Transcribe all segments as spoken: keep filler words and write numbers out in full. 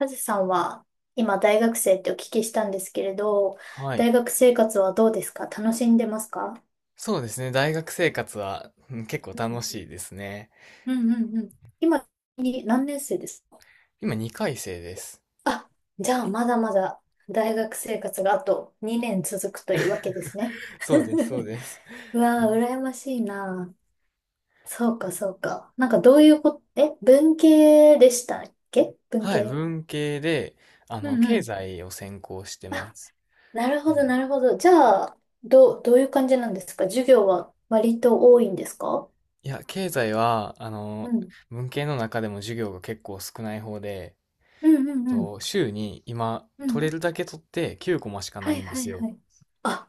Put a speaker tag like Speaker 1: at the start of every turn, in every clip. Speaker 1: カズさんは今大学生ってお聞きしたんですけれど、
Speaker 2: はい。
Speaker 1: 大学生活はどうですか？楽しんでますか？
Speaker 2: そうですね。大学生活は、うん、結構楽しいですね。
Speaker 1: うんうんうんうん。今に何年生ですか？
Speaker 2: 今にかい生です。
Speaker 1: あ、じゃあまだまだ大学生活があとにねん続くというわけですね。
Speaker 2: そうです、そう です。
Speaker 1: うわー、羨ましいな。そうかそうか。なんかどういうこと、え、文系でしたっけ文
Speaker 2: はい、
Speaker 1: 系。
Speaker 2: 文系で、あ
Speaker 1: う
Speaker 2: の、
Speaker 1: んう
Speaker 2: 経
Speaker 1: ん。
Speaker 2: 済を専攻してま
Speaker 1: あ、
Speaker 2: す。
Speaker 1: なるほ
Speaker 2: う
Speaker 1: ど、
Speaker 2: ん
Speaker 1: なるほど。じゃあ、どう、どういう感じなんですか？授業は割と多いんですか？
Speaker 2: いや、経済は、あ
Speaker 1: う
Speaker 2: の、
Speaker 1: ん。
Speaker 2: 文系の中でも授業が結構少ない方で、
Speaker 1: う
Speaker 2: え
Speaker 1: んうん
Speaker 2: っ
Speaker 1: うん。
Speaker 2: と、週に今、
Speaker 1: う
Speaker 2: 取
Speaker 1: ん。
Speaker 2: れるだけ取ってきゅうコマしか
Speaker 1: は
Speaker 2: ない
Speaker 1: い
Speaker 2: んで
Speaker 1: は
Speaker 2: す
Speaker 1: いは
Speaker 2: よ。
Speaker 1: い。あ、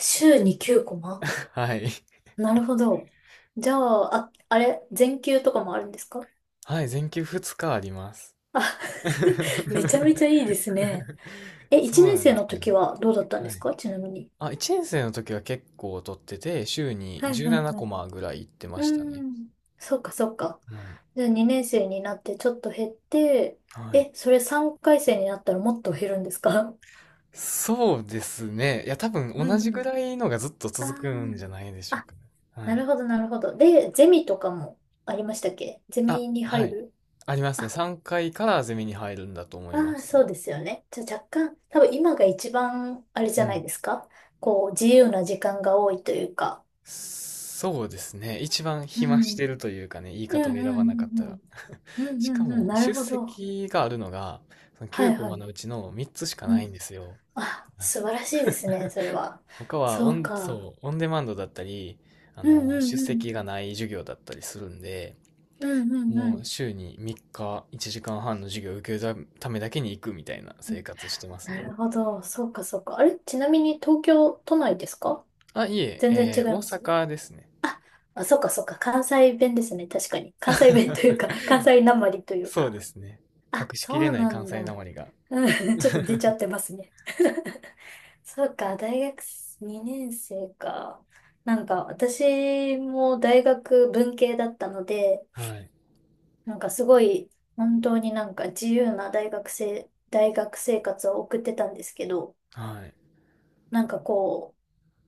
Speaker 1: 週にきゅうコマ。
Speaker 2: はい。
Speaker 1: なるほど。じゃあ、あ、あれ、全休とかもあるんですか？
Speaker 2: はい、全休ふつかあります。
Speaker 1: あ、めちゃめちゃいいですね。え、
Speaker 2: そう
Speaker 1: いちねん
Speaker 2: なん
Speaker 1: 生
Speaker 2: です
Speaker 1: の
Speaker 2: よ。
Speaker 1: 時はどうだったんで
Speaker 2: は
Speaker 1: す
Speaker 2: い。
Speaker 1: か？ちなみに。
Speaker 2: あ、いちねん生の時は結構取ってて、週に
Speaker 1: はいはい
Speaker 2: じゅうなな
Speaker 1: は
Speaker 2: コ
Speaker 1: い。
Speaker 2: マぐらい行ってま
Speaker 1: う
Speaker 2: したね。
Speaker 1: ん。そっかそっか。
Speaker 2: はい。
Speaker 1: じゃあにねん生になってちょっと減って、
Speaker 2: はい。
Speaker 1: え、それさんかい生になったらもっと減るんですか？
Speaker 2: そうですね。いや、多分
Speaker 1: う
Speaker 2: 同
Speaker 1: んう
Speaker 2: じぐ
Speaker 1: ん。
Speaker 2: らいのがずっと続くんじゃ
Speaker 1: あ
Speaker 2: ないでし
Speaker 1: あ、
Speaker 2: ょう
Speaker 1: あ、
Speaker 2: かね。は
Speaker 1: な
Speaker 2: い。
Speaker 1: るほどなるほど。で、ゼミとかもありましたっけ？ゼ
Speaker 2: あ、
Speaker 1: ミに
Speaker 2: は
Speaker 1: 入
Speaker 2: い。
Speaker 1: る？
Speaker 2: ありますね。
Speaker 1: あ、
Speaker 2: さんかいかいからゼミに入るんだと思い
Speaker 1: あ
Speaker 2: ま
Speaker 1: ー
Speaker 2: す。
Speaker 1: そうですよね。じゃあ若干、多分今が一番あれじ
Speaker 2: う
Speaker 1: ゃな
Speaker 2: ん。
Speaker 1: いですか？こう、自由な時間が多いというか。
Speaker 2: そうですね。一番
Speaker 1: う
Speaker 2: 暇
Speaker 1: ん。
Speaker 2: してるというかね、言い
Speaker 1: う
Speaker 2: 方を
Speaker 1: ん
Speaker 2: 選
Speaker 1: うんう
Speaker 2: ばなかっ
Speaker 1: ん
Speaker 2: た
Speaker 1: う
Speaker 2: ら。
Speaker 1: ん。うん
Speaker 2: し
Speaker 1: う
Speaker 2: か
Speaker 1: んうん。
Speaker 2: も、
Speaker 1: なる
Speaker 2: 出
Speaker 1: ほど。
Speaker 2: 席があるのが、その
Speaker 1: は
Speaker 2: きゅう
Speaker 1: い
Speaker 2: コ
Speaker 1: は
Speaker 2: マ
Speaker 1: い。
Speaker 2: のうちのみっつしか
Speaker 1: う
Speaker 2: な
Speaker 1: ん。
Speaker 2: いんですよ。
Speaker 1: あ、素晴らしいですね、それは。
Speaker 2: 他はオ
Speaker 1: そう
Speaker 2: ン、
Speaker 1: か。
Speaker 2: そう、オンデマンドだったり、あ
Speaker 1: うん
Speaker 2: の、
Speaker 1: うん
Speaker 2: 出
Speaker 1: う
Speaker 2: 席
Speaker 1: ん。
Speaker 2: がない授業だったりするんで、
Speaker 1: うんうんう
Speaker 2: もう
Speaker 1: ん。
Speaker 2: 週にみっかいちじかんはんの授業を受けるためだけに行くみたいな
Speaker 1: う
Speaker 2: 生
Speaker 1: ん、
Speaker 2: 活してます
Speaker 1: な
Speaker 2: ね。
Speaker 1: るほど。そうか、そうか。あれ、ちなみに東京都内ですか？
Speaker 2: あ、いえ、
Speaker 1: 全然違
Speaker 2: え
Speaker 1: い
Speaker 2: ー大
Speaker 1: ます。
Speaker 2: 阪ですね。
Speaker 1: あ、そうか、そうか。関西弁ですね。確かに。関西弁という か、関西なまりという
Speaker 2: そうで
Speaker 1: か。
Speaker 2: すね。
Speaker 1: あ、
Speaker 2: 隠し
Speaker 1: そ
Speaker 2: きれ
Speaker 1: う
Speaker 2: ない
Speaker 1: な
Speaker 2: 関
Speaker 1: ん
Speaker 2: 西な
Speaker 1: だ。
Speaker 2: まりが。
Speaker 1: うん、ちょっと出ちゃってますね。そうか、大学にねん生か。なんか、私も大学文系だったので、
Speaker 2: はい。
Speaker 1: なんかすごい、本当になんか自由な大学生、大学生活を送ってたんですけど、
Speaker 2: はい。
Speaker 1: なんかこ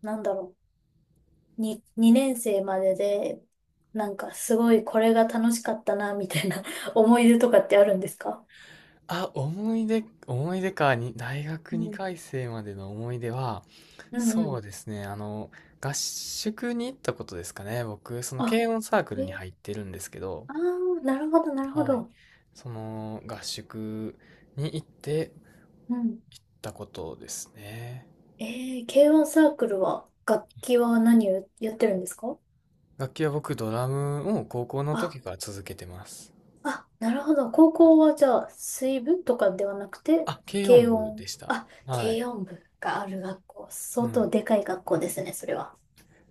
Speaker 1: う、なんだろう、に、にねん生までで、なんかすごいこれが楽しかったな、みたいな 思い出とかってあるんですか？
Speaker 2: あ、思い出、思い出か、に、大学
Speaker 1: うん。
Speaker 2: にかい生までの思い出は、
Speaker 1: うんう
Speaker 2: そう
Speaker 1: ん。
Speaker 2: ですね、あの、合宿に行ったことですかね。僕、その
Speaker 1: あ、
Speaker 2: 軽音サーク
Speaker 1: え
Speaker 2: ルに
Speaker 1: ー、
Speaker 2: 入ってるんですけど、
Speaker 1: あー、なるほど、なるほ
Speaker 2: はい。
Speaker 1: ど。
Speaker 2: その合宿に行って
Speaker 1: うん。
Speaker 2: たことですね。
Speaker 1: えー、軽音サークルは、楽器は何をやってるんですか？
Speaker 2: 楽器は僕、ドラムを高校の
Speaker 1: あ
Speaker 2: 時から続けてます。
Speaker 1: あ、なるほど。高校はじゃあ、水部とかではなくて、
Speaker 2: あ、軽音
Speaker 1: 軽
Speaker 2: 部
Speaker 1: 音。
Speaker 2: でした。
Speaker 1: あ、
Speaker 2: はい。
Speaker 1: 軽音部がある学校。
Speaker 2: は
Speaker 1: 相
Speaker 2: い。
Speaker 1: 当でかい学校ですね、それは。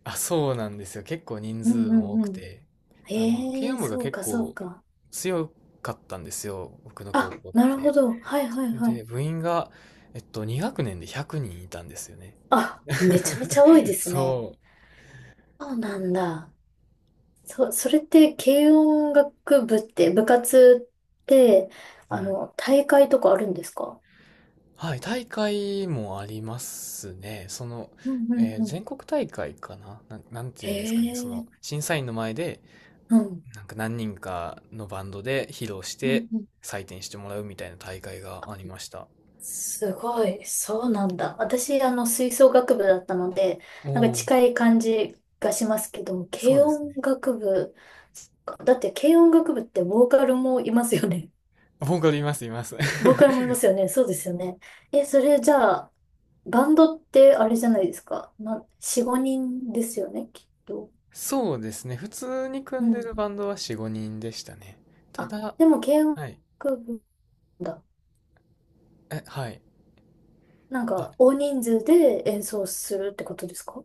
Speaker 2: あ、そうなんですよ。結構人
Speaker 1: う
Speaker 2: 数
Speaker 1: んう
Speaker 2: も多
Speaker 1: んう
Speaker 2: く
Speaker 1: ん。
Speaker 2: て。あの、慶
Speaker 1: え
Speaker 2: 応
Speaker 1: え、
Speaker 2: 部が
Speaker 1: そう
Speaker 2: 結
Speaker 1: かそう
Speaker 2: 構
Speaker 1: か。
Speaker 2: 強かったんですよ。僕の
Speaker 1: あ、
Speaker 2: 高校っ
Speaker 1: なるほ
Speaker 2: て。
Speaker 1: ど。はい
Speaker 2: そ
Speaker 1: はい
Speaker 2: れ
Speaker 1: はい。
Speaker 2: で、部員が、えっと、に学年でひゃくにんいたんですよね。
Speaker 1: あ、めちゃめちゃ多いですね。
Speaker 2: そ
Speaker 1: そうなんだ。そ、それって、軽音楽部って、部活って、
Speaker 2: う。
Speaker 1: あ
Speaker 2: はい。
Speaker 1: の、大会とかあるんですか？
Speaker 2: はい、大会もありますね。その、
Speaker 1: うんうん
Speaker 2: えー
Speaker 1: うん。
Speaker 2: 全国大会かな、なん、なんて
Speaker 1: へ
Speaker 2: いうんですかね。その、
Speaker 1: え、
Speaker 2: 審査員の前で、
Speaker 1: うん。
Speaker 2: なんか何人かのバンドで披露し
Speaker 1: う
Speaker 2: て
Speaker 1: んうん
Speaker 2: 採点してもらうみたいな大会がありました。
Speaker 1: すごい。そうなんだ。私、あの、吹奏楽部だったので、
Speaker 2: お
Speaker 1: なんか
Speaker 2: お、
Speaker 1: 近い感じがしますけど、も
Speaker 2: そう
Speaker 1: 軽
Speaker 2: です
Speaker 1: 音
Speaker 2: ね。
Speaker 1: 楽部、だって軽音楽部ってボーカルもいますよね。
Speaker 2: 僕います、います。
Speaker 1: ボーカルもいますよね。そうですよね。え、それじゃあ、バンドってあれじゃないですか。な、よん、ごにんですよね、きっと。
Speaker 2: そうですね、普通に
Speaker 1: う
Speaker 2: 組んで
Speaker 1: ん。
Speaker 2: るバンドはよんじゅうごにんでしたね。た
Speaker 1: あ、
Speaker 2: だ、
Speaker 1: でも軽音
Speaker 2: はい、
Speaker 1: 楽部だ。
Speaker 2: えはい、
Speaker 1: なんか、大人数で演奏するってことですか？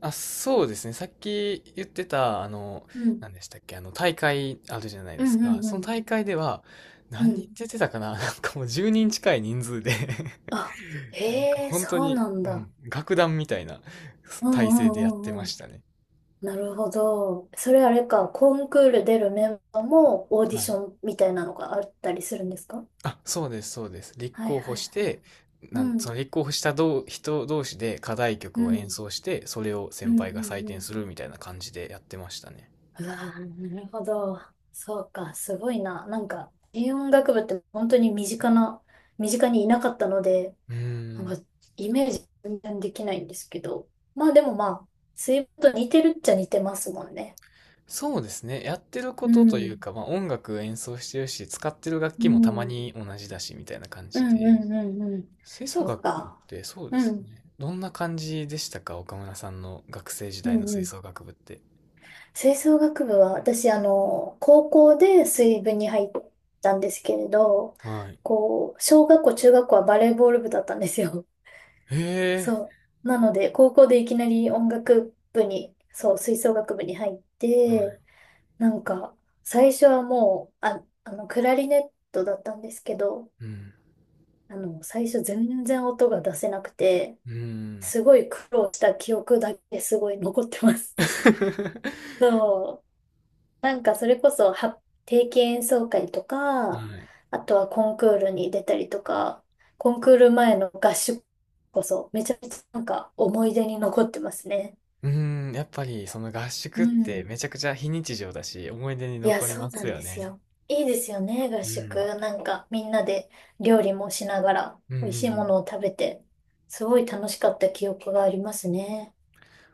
Speaker 2: あ、そうですね。さっき言ってたあの
Speaker 1: うん。
Speaker 2: 何でしたっけ、あの大会あるじゃない
Speaker 1: う
Speaker 2: で
Speaker 1: ん
Speaker 2: す
Speaker 1: う
Speaker 2: か。
Speaker 1: ん
Speaker 2: そ
Speaker 1: う
Speaker 2: の
Speaker 1: ん。
Speaker 2: 大会では、
Speaker 1: う
Speaker 2: 何人
Speaker 1: ん。
Speaker 2: 出てたかな。 なんかもうじゅうにん近い人数で、
Speaker 1: あ、
Speaker 2: なんか
Speaker 1: へえ、
Speaker 2: 本当
Speaker 1: そう
Speaker 2: に、
Speaker 1: なん
Speaker 2: うん、
Speaker 1: だ。
Speaker 2: 楽団みたいな
Speaker 1: うん
Speaker 2: 体
Speaker 1: う
Speaker 2: 制でやって
Speaker 1: んうんう
Speaker 2: まし
Speaker 1: ん。
Speaker 2: たね。
Speaker 1: なるほど。それあれか、コンクール出るメンバーもオーディ
Speaker 2: は
Speaker 1: シ
Speaker 2: い。
Speaker 1: ョンみたいなのがあったりするんですか？
Speaker 2: あ、そうです、そうです。立
Speaker 1: はい
Speaker 2: 候
Speaker 1: は
Speaker 2: 補
Speaker 1: い
Speaker 2: し
Speaker 1: はい。
Speaker 2: て、な
Speaker 1: う
Speaker 2: ん、そ
Speaker 1: ん、
Speaker 2: の立候補したどう人同士で課題
Speaker 1: う
Speaker 2: 曲を演
Speaker 1: ん、
Speaker 2: 奏して、それを
Speaker 1: う
Speaker 2: 先
Speaker 1: ん、う
Speaker 2: 輩が採
Speaker 1: ん、う
Speaker 2: 点
Speaker 1: ん。
Speaker 2: するみたいな感じでやってましたね。
Speaker 1: うわー、なるほど。そうか、すごいな。なんか、軽音楽部って本当に身近な、身近にいなかったので、
Speaker 2: うー
Speaker 1: なんか、
Speaker 2: ん。
Speaker 1: イメージ全然できないんですけど。まあでもまあ、水分と似てるっちゃ似てますもんね。
Speaker 2: そうですね。やってるこ
Speaker 1: う
Speaker 2: とという
Speaker 1: ん。
Speaker 2: か、まあ音楽演奏してるし、使ってる楽
Speaker 1: う
Speaker 2: 器もたま
Speaker 1: ん。
Speaker 2: に同じだし、みたいな感
Speaker 1: う
Speaker 2: じ
Speaker 1: んう
Speaker 2: で。
Speaker 1: んうんうん。
Speaker 2: 吹奏
Speaker 1: そう
Speaker 2: 楽っ
Speaker 1: か。
Speaker 2: てそうで
Speaker 1: う
Speaker 2: す
Speaker 1: ん。
Speaker 2: ね。どんな感じでしたか？岡村さんの学生時
Speaker 1: う
Speaker 2: 代の
Speaker 1: んう
Speaker 2: 吹
Speaker 1: ん。
Speaker 2: 奏楽部って。
Speaker 1: 吹奏楽部は、私、あの、高校で水部に入ったんですけれど、
Speaker 2: はい。
Speaker 1: こう、小学校、中学校はバレーボール部だったんですよ。
Speaker 2: へえ。
Speaker 1: そう。なので、高校でいきなり音楽部に、そう、吹奏楽部に入っ
Speaker 2: は
Speaker 1: て、
Speaker 2: い。
Speaker 1: なんか、最初はもう、あ、あの、クラリネットだったんですけど、
Speaker 2: うん。
Speaker 1: あの、最初全然音が出せなくて、
Speaker 2: うん。
Speaker 1: すごい苦労した記憶だけすごい残ってます。そう。なんかそれこそ、は、定期演奏会と
Speaker 2: は
Speaker 1: か、
Speaker 2: い。
Speaker 1: あとはコンクールに出たりとか、コンクール前の合宿こそ、めちゃめちゃなんか思い出に残ってますね。
Speaker 2: うーん、やっぱりその合
Speaker 1: う
Speaker 2: 宿って
Speaker 1: ん。
Speaker 2: めちゃくちゃ非日常だし、思い出に
Speaker 1: いや、
Speaker 2: 残り
Speaker 1: そ
Speaker 2: ま
Speaker 1: うな
Speaker 2: す
Speaker 1: ん
Speaker 2: よ
Speaker 1: です
Speaker 2: ね。
Speaker 1: よ。いいですよね、合
Speaker 2: う
Speaker 1: 宿。
Speaker 2: ん。
Speaker 1: なんかみんなで料理もしながら、
Speaker 2: うんうんう
Speaker 1: 美味しいも
Speaker 2: ん。
Speaker 1: のを食べて、すごい楽しかった記憶がありますね。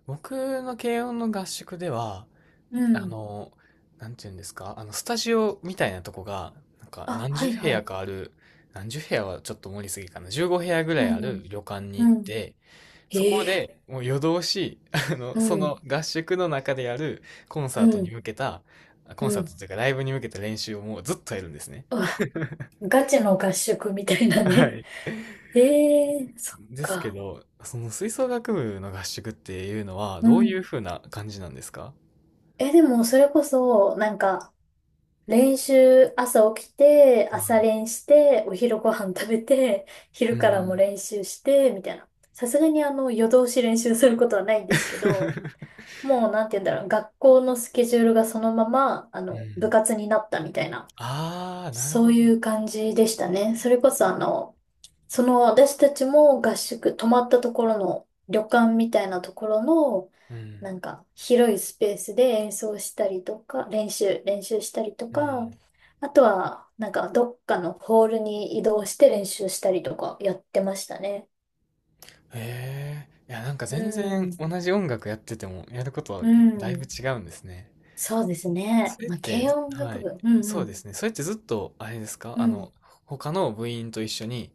Speaker 2: 僕の軽音の合宿では、
Speaker 1: う
Speaker 2: あ
Speaker 1: ん。
Speaker 2: の、なんていうんですか、あの、スタジオみたいなとこが、なんか
Speaker 1: あ、
Speaker 2: 何
Speaker 1: は
Speaker 2: 十
Speaker 1: い
Speaker 2: 部
Speaker 1: は
Speaker 2: 屋
Speaker 1: い。
Speaker 2: かある、何十部屋はちょっと盛りすぎかな、じゅうご部屋ぐら
Speaker 1: う
Speaker 2: いあ
Speaker 1: んう
Speaker 2: る
Speaker 1: ん。
Speaker 2: 旅館に行っ
Speaker 1: うん
Speaker 2: て、そこ
Speaker 1: ええ
Speaker 2: でもう夜通し、あの、
Speaker 1: う
Speaker 2: そ
Speaker 1: ん、
Speaker 2: の合宿の中でやるコン
Speaker 1: う
Speaker 2: サートに
Speaker 1: ん、
Speaker 2: 向けた、コ
Speaker 1: う
Speaker 2: ンサート
Speaker 1: ん。
Speaker 2: というかライブに向けた練習をもうずっとやるんですね。
Speaker 1: うわ、ガチの合宿みたいな
Speaker 2: は
Speaker 1: ね。
Speaker 2: い。
Speaker 1: ええそっ
Speaker 2: ですけ
Speaker 1: か。
Speaker 2: ど、その吹奏楽部の合宿っていうのは
Speaker 1: う
Speaker 2: どうい
Speaker 1: ん。
Speaker 2: う風な感じなんですか？
Speaker 1: え、でも、それこそ、なんか、練習、朝起きて、朝練して、お昼ご飯食べて、
Speaker 2: う
Speaker 1: 昼からも
Speaker 2: ん。
Speaker 1: 練習して、みたいな。さすがに、あの、夜通し練習することはないんですけ
Speaker 2: う
Speaker 1: ど、
Speaker 2: ん。
Speaker 1: もう、なんて言うんだろう、学校のスケジュールがそのまま、あの、部活になったみたいな、
Speaker 2: ああ、なる
Speaker 1: そ
Speaker 2: ほ
Speaker 1: う
Speaker 2: ど。
Speaker 1: いう感じでしたね。それこそ、あの、その私たちも合宿、泊まったところの旅館みたいなところの、
Speaker 2: う
Speaker 1: な
Speaker 2: ん。
Speaker 1: んか広いスペースで演奏したりとか、練習、練習したりと
Speaker 2: う
Speaker 1: か、
Speaker 2: ん。
Speaker 1: あとはなんかどっかのホールに移動して練習したりとかやってましたね。
Speaker 2: へえ。いや、なんか
Speaker 1: う
Speaker 2: 全
Speaker 1: ん、
Speaker 2: 然同じ音楽やってても、やることは
Speaker 1: う
Speaker 2: だいぶ
Speaker 1: ん、
Speaker 2: 違うんですね。
Speaker 1: そうですね。
Speaker 2: それっ
Speaker 1: まあ、
Speaker 2: て、
Speaker 1: 軽
Speaker 2: ず
Speaker 1: 音
Speaker 2: は
Speaker 1: 楽
Speaker 2: い。
Speaker 1: 部。うんう
Speaker 2: そう
Speaker 1: ん、
Speaker 2: ですね。それってずっと、あれですか？
Speaker 1: う
Speaker 2: あ
Speaker 1: ん、
Speaker 2: の、他の部員と一緒に、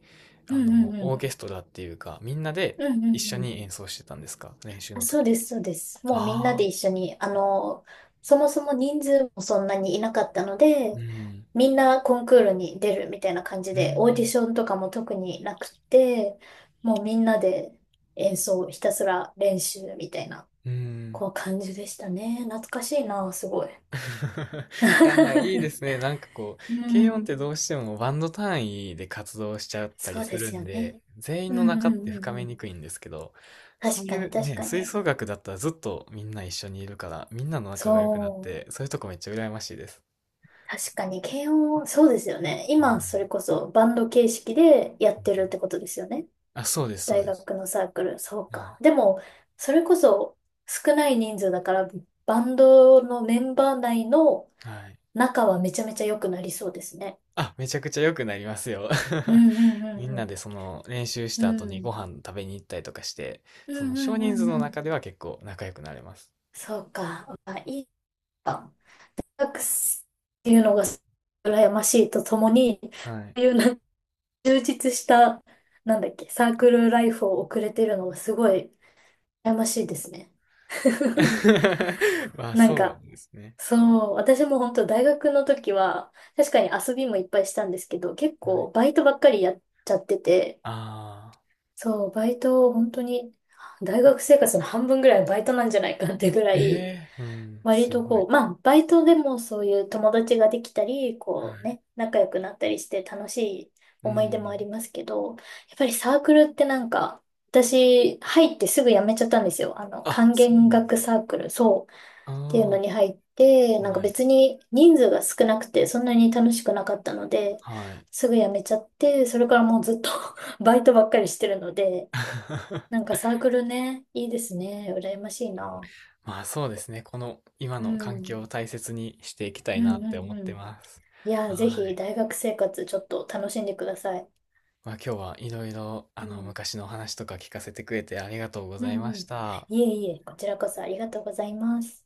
Speaker 1: う
Speaker 2: あ
Speaker 1: んう
Speaker 2: の、
Speaker 1: んう
Speaker 2: オー
Speaker 1: ん、
Speaker 2: ケストラっていうか、みんなで
Speaker 1: うんうん
Speaker 2: 一緒
Speaker 1: うん。
Speaker 2: に演奏してたんですか？練習
Speaker 1: あ、
Speaker 2: の
Speaker 1: そう
Speaker 2: 時。
Speaker 1: です、そうです。もうみんな
Speaker 2: あ
Speaker 1: で
Speaker 2: あ。
Speaker 1: 一緒に、あの、そもそも人数もそんなにいなかったので、
Speaker 2: うん。
Speaker 1: みんなコンクールに出るみたいな感じ
Speaker 2: うー
Speaker 1: で、オーディ
Speaker 2: ん。
Speaker 1: ションとかも特になくて、もうみんなで演奏、ひたすら練習みたいな、
Speaker 2: うーん。
Speaker 1: こう感じでしたね。懐かしいな、すごい。
Speaker 2: いや、まあいいで すね。なんかこ
Speaker 1: う
Speaker 2: う、軽音っ
Speaker 1: ん、
Speaker 2: てどうしてもバンド単位で活動しちゃったり
Speaker 1: そう
Speaker 2: す
Speaker 1: で
Speaker 2: る
Speaker 1: す
Speaker 2: ん
Speaker 1: よね。
Speaker 2: で、全
Speaker 1: う
Speaker 2: 員
Speaker 1: ん
Speaker 2: の
Speaker 1: う
Speaker 2: 仲っ
Speaker 1: ん
Speaker 2: て
Speaker 1: う
Speaker 2: 深
Speaker 1: んう
Speaker 2: めに
Speaker 1: ん。
Speaker 2: くいんですけど、そう
Speaker 1: 確
Speaker 2: い
Speaker 1: かに、
Speaker 2: う
Speaker 1: 確
Speaker 2: ね、
Speaker 1: か
Speaker 2: 吹
Speaker 1: に。
Speaker 2: 奏楽だったらずっとみんな一緒にいるから、みんなの仲が良くなっ
Speaker 1: そう。
Speaker 2: て、そういうとこめっちゃ羨ましいです。
Speaker 1: 確かに、軽音、そうですよね。
Speaker 2: うん。
Speaker 1: 今、それこそバンド形式でやってるってことですよね。
Speaker 2: あ、そうです、そう
Speaker 1: 大
Speaker 2: です。
Speaker 1: 学のサークル、そう
Speaker 2: はい。
Speaker 1: か。でも、それこそ少ない人数だから、バンドのメンバー内の
Speaker 2: はい。
Speaker 1: 仲はめちゃめちゃ良くなりそうですね。
Speaker 2: あ、めちゃくちゃ良くなりますよ。
Speaker 1: う ん
Speaker 2: み
Speaker 1: う
Speaker 2: んな
Speaker 1: ん
Speaker 2: でその練習し
Speaker 1: うん
Speaker 2: た後
Speaker 1: うん。う
Speaker 2: にご
Speaker 1: ん。
Speaker 2: 飯食べに行ったりとかして、
Speaker 1: う
Speaker 2: その
Speaker 1: んう
Speaker 2: 少
Speaker 1: んう
Speaker 2: 人数
Speaker 1: ん
Speaker 2: の
Speaker 1: うん。
Speaker 2: 中では結構仲良くなれます。
Speaker 1: そうか。あ、いいか。サックスっていうのが羨ましいとともに、
Speaker 2: はい。
Speaker 1: そういうなん充実した、なんだっけ、サークルライフを送れてるのがすごい羨ましいですね。
Speaker 2: まあ
Speaker 1: なん
Speaker 2: そう
Speaker 1: か、
Speaker 2: ですね。
Speaker 1: そう、私も本当大学の時は、確かに遊びもいっぱいしたんですけど、結
Speaker 2: はい。
Speaker 1: 構バイトばっかりやっちゃってて、
Speaker 2: あ
Speaker 1: そう、バイトを本当に、大学生活の半分ぐらいはバイトなんじゃないかってぐら
Speaker 2: あ。
Speaker 1: い、
Speaker 2: ええーうん、
Speaker 1: 割
Speaker 2: す
Speaker 1: と
Speaker 2: ご
Speaker 1: こ
Speaker 2: い。
Speaker 1: う、まあ、バイトでもそういう友達ができたり、
Speaker 2: は
Speaker 1: こう
Speaker 2: い。
Speaker 1: ね、仲良くなったりして楽しい
Speaker 2: う
Speaker 1: 思い出もあり
Speaker 2: ん。
Speaker 1: ますけど、やっぱりサークルってなんか、私、入ってすぐ辞めちゃったんですよ。あの、
Speaker 2: あ、
Speaker 1: 管
Speaker 2: そうな
Speaker 1: 弦
Speaker 2: んだ。
Speaker 1: 楽サークル、そう、
Speaker 2: あ
Speaker 1: っていうのに入って、
Speaker 2: あ、
Speaker 1: なんか
Speaker 2: はい。
Speaker 1: 別に人数が少なくて、そんなに楽しくなかったので、
Speaker 2: はい。
Speaker 1: すぐ辞めちゃって、それからもうずっと バイトばっかりしてるので、なん かサークルね、いいですね。羨ましいな。
Speaker 2: まあそうですね。この今
Speaker 1: う
Speaker 2: の環
Speaker 1: ん。
Speaker 2: 境を大切にしていきた
Speaker 1: う
Speaker 2: い
Speaker 1: ん
Speaker 2: なっ
Speaker 1: う
Speaker 2: て
Speaker 1: ん
Speaker 2: 思っ
Speaker 1: う
Speaker 2: て
Speaker 1: ん。
Speaker 2: ます。
Speaker 1: いや、ぜ
Speaker 2: は
Speaker 1: ひ
Speaker 2: い。
Speaker 1: 大学生活ちょっと楽しんでください。
Speaker 2: まあ、今日はいろいろ、あ
Speaker 1: う
Speaker 2: の、
Speaker 1: ん。
Speaker 2: 昔のお話とか聞かせてくれてありがとうご
Speaker 1: う
Speaker 2: ざい
Speaker 1: ん
Speaker 2: ま
Speaker 1: う
Speaker 2: し
Speaker 1: ん。
Speaker 2: た。
Speaker 1: いえいえ、こちらこそありがとうございます。